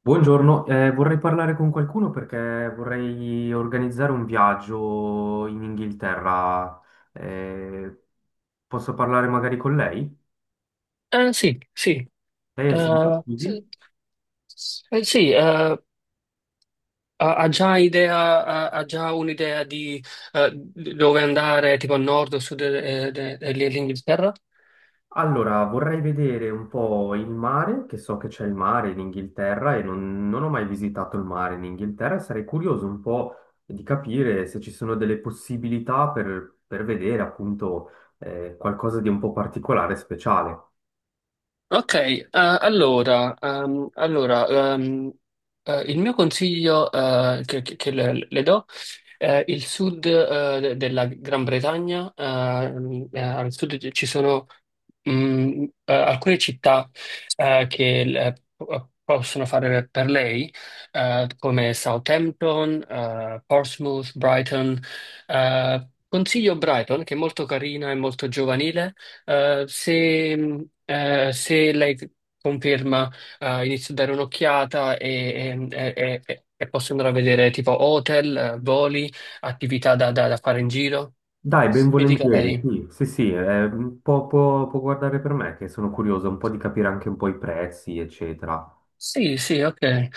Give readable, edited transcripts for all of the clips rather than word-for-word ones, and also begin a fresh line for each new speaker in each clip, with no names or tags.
Buongiorno, vorrei parlare con qualcuno perché vorrei organizzare un viaggio in Inghilterra. Eh, Posso parlare magari con lei?
Sì, sì,
Lei è il signor
sì,
Studi?
sì. Ha già idea, ha già un'idea di dove andare, tipo a nord o sud dell'Inghilterra?
Allora, vorrei vedere un po' il mare, che so che c'è il mare in Inghilterra e non ho mai visitato il mare in Inghilterra e sarei curioso un po' di capire se ci sono delle possibilità per vedere appunto qualcosa di un po' particolare e speciale.
Ok, allora, allora, ehm, il mio consiglio, che le do è il sud, della Gran Bretagna. Al sud ci sono alcune città che possono fare per lei, come Southampton, Portsmouth, Brighton. Consiglio Brighton, che è molto carina e molto giovanile. Se lei conferma, inizio a dare un'occhiata e, e posso andare a vedere tipo hotel, voli, attività da, da fare in giro.
Dai, ben
Mi dica
volentieri,
lei.
sì, sì, sì, può guardare per me che sono curioso un po' di capire anche un po' i prezzi, eccetera.
Sì, sì, ok. Eh,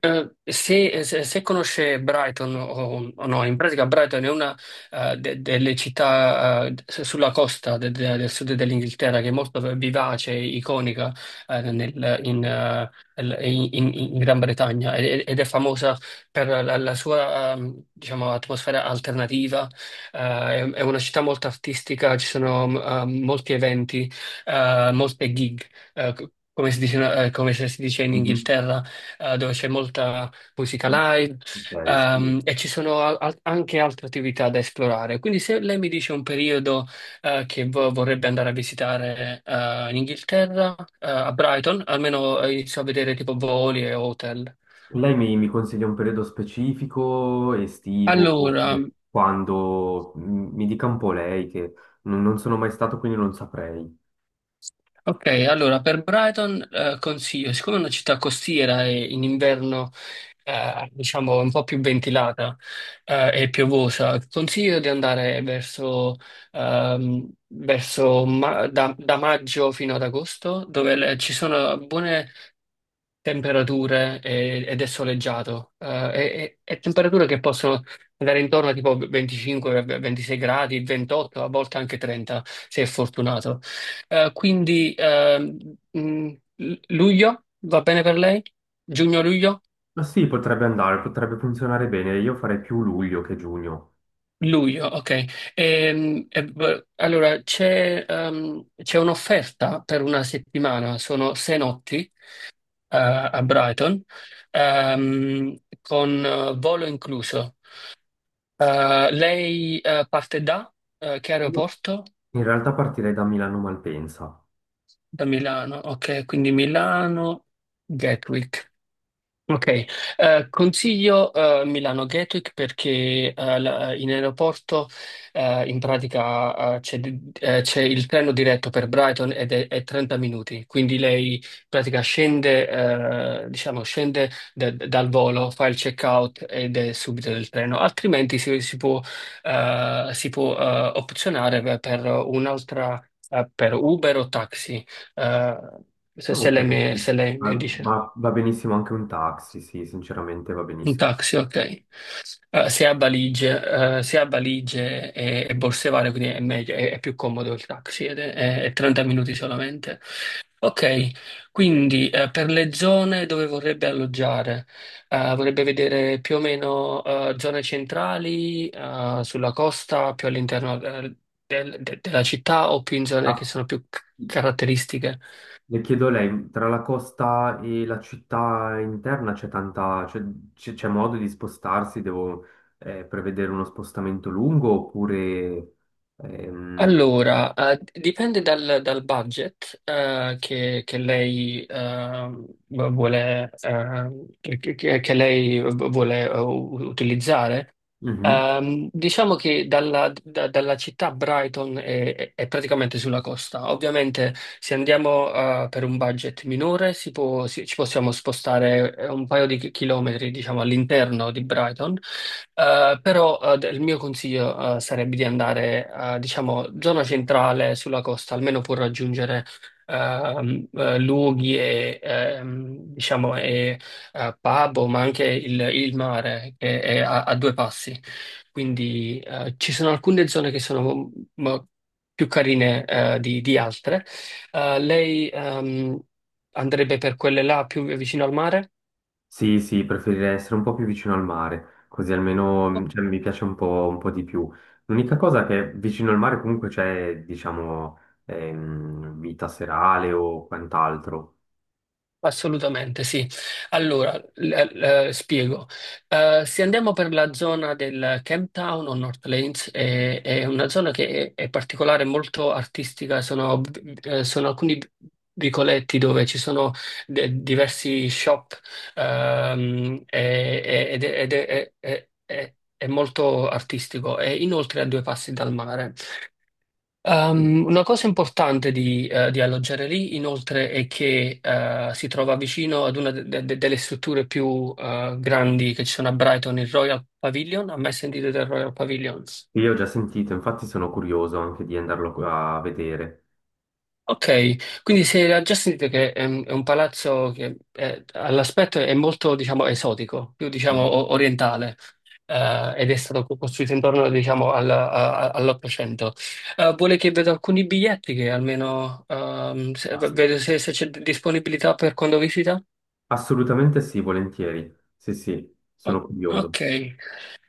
eh, se, se- se conosce Brighton o no, in pratica Brighton è una delle città sulla costa del sud dell'Inghilterra, che è molto vivace, iconica, in Gran Bretagna, ed è famosa per la sua, diciamo, atmosfera alternativa. È una città molto artistica, ci sono, molti eventi, molte gig, come si dice, come se si dice in
Mhm.
Inghilterra, dove c'è molta musica live,
Ok, sì.
e ci sono, anche altre attività da esplorare. Quindi se lei mi dice un periodo, che vorrebbe andare a visitare, in Inghilterra, a Brighton, almeno inizio a vedere tipo voli e hotel.
Lei mi consiglia un periodo specifico, estivo,
Allora,
oppure quando mi dica un po' lei che non sono mai stato, quindi non saprei.
ok, allora per Brighton, consiglio, siccome è una città costiera e in inverno, diciamo, un po' più ventilata, e piovosa, consiglio di andare verso, da maggio fino ad agosto, dove ci sono buone temperature ed è soleggiato, e temperature che possono andare intorno a tipo 25, 26 gradi, 28, a volte anche 30, se è fortunato. Quindi, mh, luglio va bene per lei? Giugno-luglio?
Ma sì, potrebbe andare, potrebbe funzionare bene, io farei più luglio che giugno.
Luglio, ok. Allora c'è un'offerta per una settimana, sono 6 notti a Brighton, con volo incluso. Lei parte da, che
Io
aeroporto?
In realtà partirei da Milano Malpensa.
Da Milano, ok, quindi Milano, Gatwick. Ok, consiglio Milano Gatwick, perché in aeroporto, in pratica, c'è il treno diretto per Brighton, ed è 30 minuti. Quindi lei in pratica scende, diciamo, scende dal volo, fa il check-out ed è subito del treno. Altrimenti si può, opzionare per un'altra, per Uber o taxi, eh,
Ok, sì.
se lei mi
Ah,
dice.
va, va benissimo anche un taxi, sì, sinceramente va
Un
benissimo.
taxi, ok. Se ha valigie e borse varie, quindi è meglio, è più comodo il taxi, sì, ed è 30 minuti solamente. Ok, quindi, per le zone dove vorrebbe alloggiare, vorrebbe vedere più o meno, zone centrali, sulla costa, più all'interno, della città, o più in zone che
Ah,
sono più caratteristiche.
le chiedo a lei, tra la costa e la città interna c'è tanta, c'è modo di spostarsi? Devo prevedere uno spostamento lungo oppure... ehm,
Allora, dipende dal budget, che lei vuole, che lei vuole utilizzare.
mhm.
Diciamo che dalla città Brighton è praticamente sulla costa. Ovviamente, se andiamo, per un budget minore, ci possiamo spostare, un paio di chilometri, diciamo, all'interno di Brighton. Però, il mio consiglio, sarebbe di andare, diciamo, zona centrale sulla costa, almeno per raggiungere, luoghi e, diciamo, e pub, ma anche il mare che è a due passi. Quindi ci sono alcune zone che sono più carine di altre. Lei, andrebbe per quelle là più vicino al mare?
Sì, sì, preferirei essere un po' più vicino al mare, così almeno cioè, mi piace un po' di più. L'unica cosa è che vicino al mare comunque c'è, diciamo, vita serale o quant'altro.
Assolutamente sì. Allora, spiego. Se andiamo per la zona del Camp Town o North Lanes, è una zona che è particolare, molto artistica. Sono alcuni vicoletti dove ci sono diversi shop, ed è, è molto artistico. E inoltre a due passi dal mare. Una cosa importante di alloggiare lì, inoltre, è che si trova vicino ad una delle strutture più grandi, che ci sono a Brighton, il Royal Pavilion. Ha mai sentito del Royal Pavilion?
Io ho già sentito, infatti sono curioso anche di andarlo a vedere.
Ok, quindi se ha già sentito, che è un palazzo che, all'aspetto, è molto, diciamo, esotico, più, diciamo, orientale, ed è stato costruito intorno, diciamo, all'Ottocento. Vuole che vedo alcuni biglietti, che almeno,
Ass-
vedo se c'è disponibilità per quando visita?
assolutamente sì, volentieri. Sì, sì, sono
Ok.
curioso.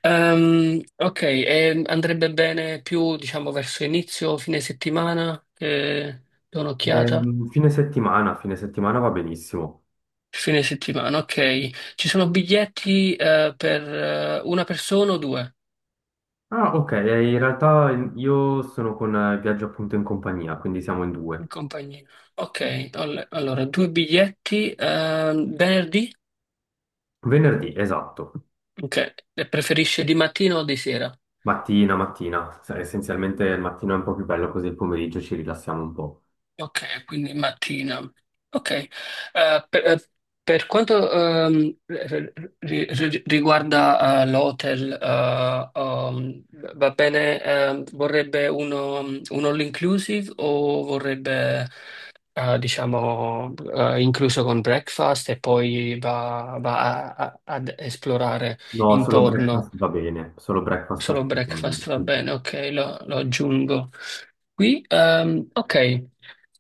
Ok, e andrebbe bene più, diciamo, verso inizio, fine settimana, che do un'occhiata?
Fine settimana va benissimo.
Fine settimana, ok. Ci sono biglietti per una persona o due
Ah, ok, in realtà io sono con viaggio appunto in compagnia, quindi siamo in
in
due.
compagnia? Ok, allora due biglietti, venerdì?
Venerdì, esatto.
Ok, e preferisce di mattina o di sera?
Mattina, mattina. Cioè, essenzialmente il mattino è un po' più bello, così il pomeriggio ci rilassiamo un po'.
Ok, quindi mattina. Ok. Eh, per, eh, per quanto, riguarda, l'hotel, va bene, vorrebbe uno, un all inclusive, o vorrebbe, diciamo, incluso con breakfast e poi va, va ad esplorare
No, solo
intorno?
breakfast va bene, solo breakfast
Solo
assolutamente.
breakfast, va
Sì,
bene,
sì.
ok, lo aggiungo qui. Ok.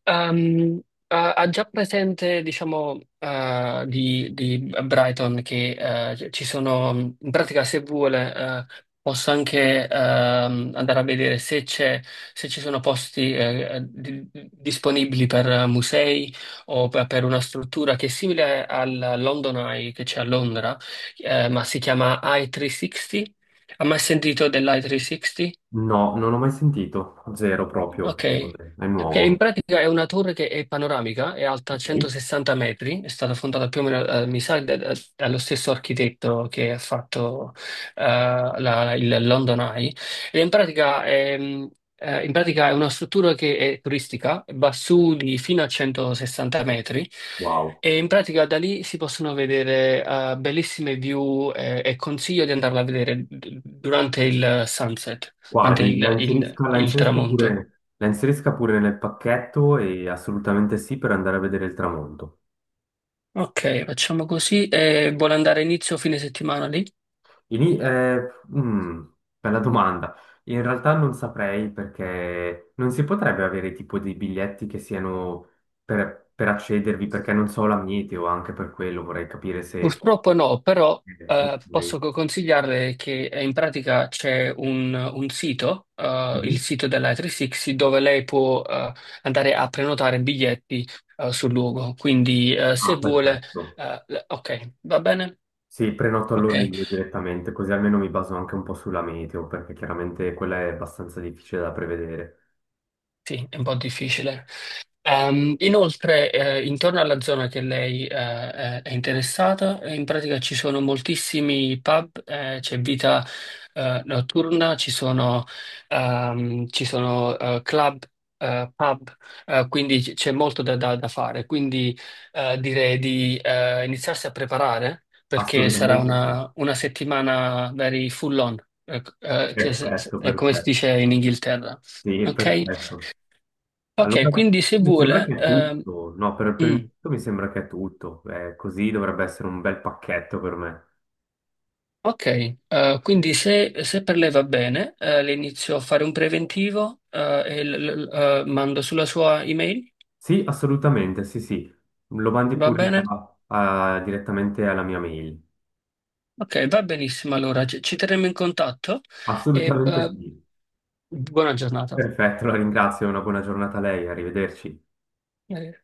Ehm, ha già presente, diciamo, di Brighton, che ci sono, in pratica, se vuole, posso anche, andare a vedere se c'è, se ci sono posti, disponibili per musei o per una struttura che è simile al London Eye, che c'è a Londra, ma si chiama I360. Ha mai sentito dell'i360?
No, non ho mai sentito, zero proprio.
Ok.
È
Che
nuovo.
in pratica è una torre che è panoramica, è alta
Ok.
160 metri, è stata fondata più o meno, mi sa, dallo stesso architetto che ha fatto eh, il London Eye. E in pratica, è una struttura che è turistica, va su di fino a 160 metri,
Wow.
e in pratica da lì si possono vedere, bellissime view, e consiglio di andarla a vedere durante il sunset, durante
Guardi,
il il- il tramonto.
la inserisca pure nel pacchetto e assolutamente sì per andare a vedere il tramonto.
Ok, facciamo così. E vuole andare inizio o fine settimana lì?
Ini- eh, mm, bella domanda. In realtà non saprei perché non si potrebbe avere tipo dei biglietti che siano per accedervi perché non so la mete o anche per quello vorrei capire se...
Purtroppo no, però
ok.
posso consigliarle che, in pratica, c'è un sito, il
Mhm.
sito della 360, dove lei può andare a prenotare biglietti sul luogo. Quindi, se
Ah,
vuole...
perfetto.
ok, va bene?
Sì, prenoto allora
Ok,
io direttamente così almeno mi baso anche un po' sulla meteo perché chiaramente quella è abbastanza difficile da prevedere.
sì, è un po' difficile. Inoltre, intorno alla zona che lei è interessata, in pratica ci sono moltissimi pub, c'è vita notturna. Ci sono, ci sono, club, pub, quindi c'è molto da, da fare. Quindi direi di iniziarsi a preparare, perché sarà
Assolutamente sì.
una settimana very full on, che se- se-
Perfetto,
è come si
perfetto.
dice in Inghilterra.
Sì,
Ok?
perfetto.
Ok,
Allora,
quindi se
mi sembra
vuole.
che è tutto. No, per il
Mm,
momento mi sembra che è tutto. Così dovrebbe essere un bel pacchetto per me.
ok. Quindi se per lei va bene, le inizio a fare un preventivo e mando sulla sua email,
Sì, assolutamente, sì, sì. Lo mandi
va
pure
bene?
direttamente alla mia mail.
Ok, va benissimo, allora ci terremo in contatto e,
Assolutamente sì.
buona giornata.
Perfetto, la ringrazio. Una buona giornata a lei. Arrivederci.
Eh,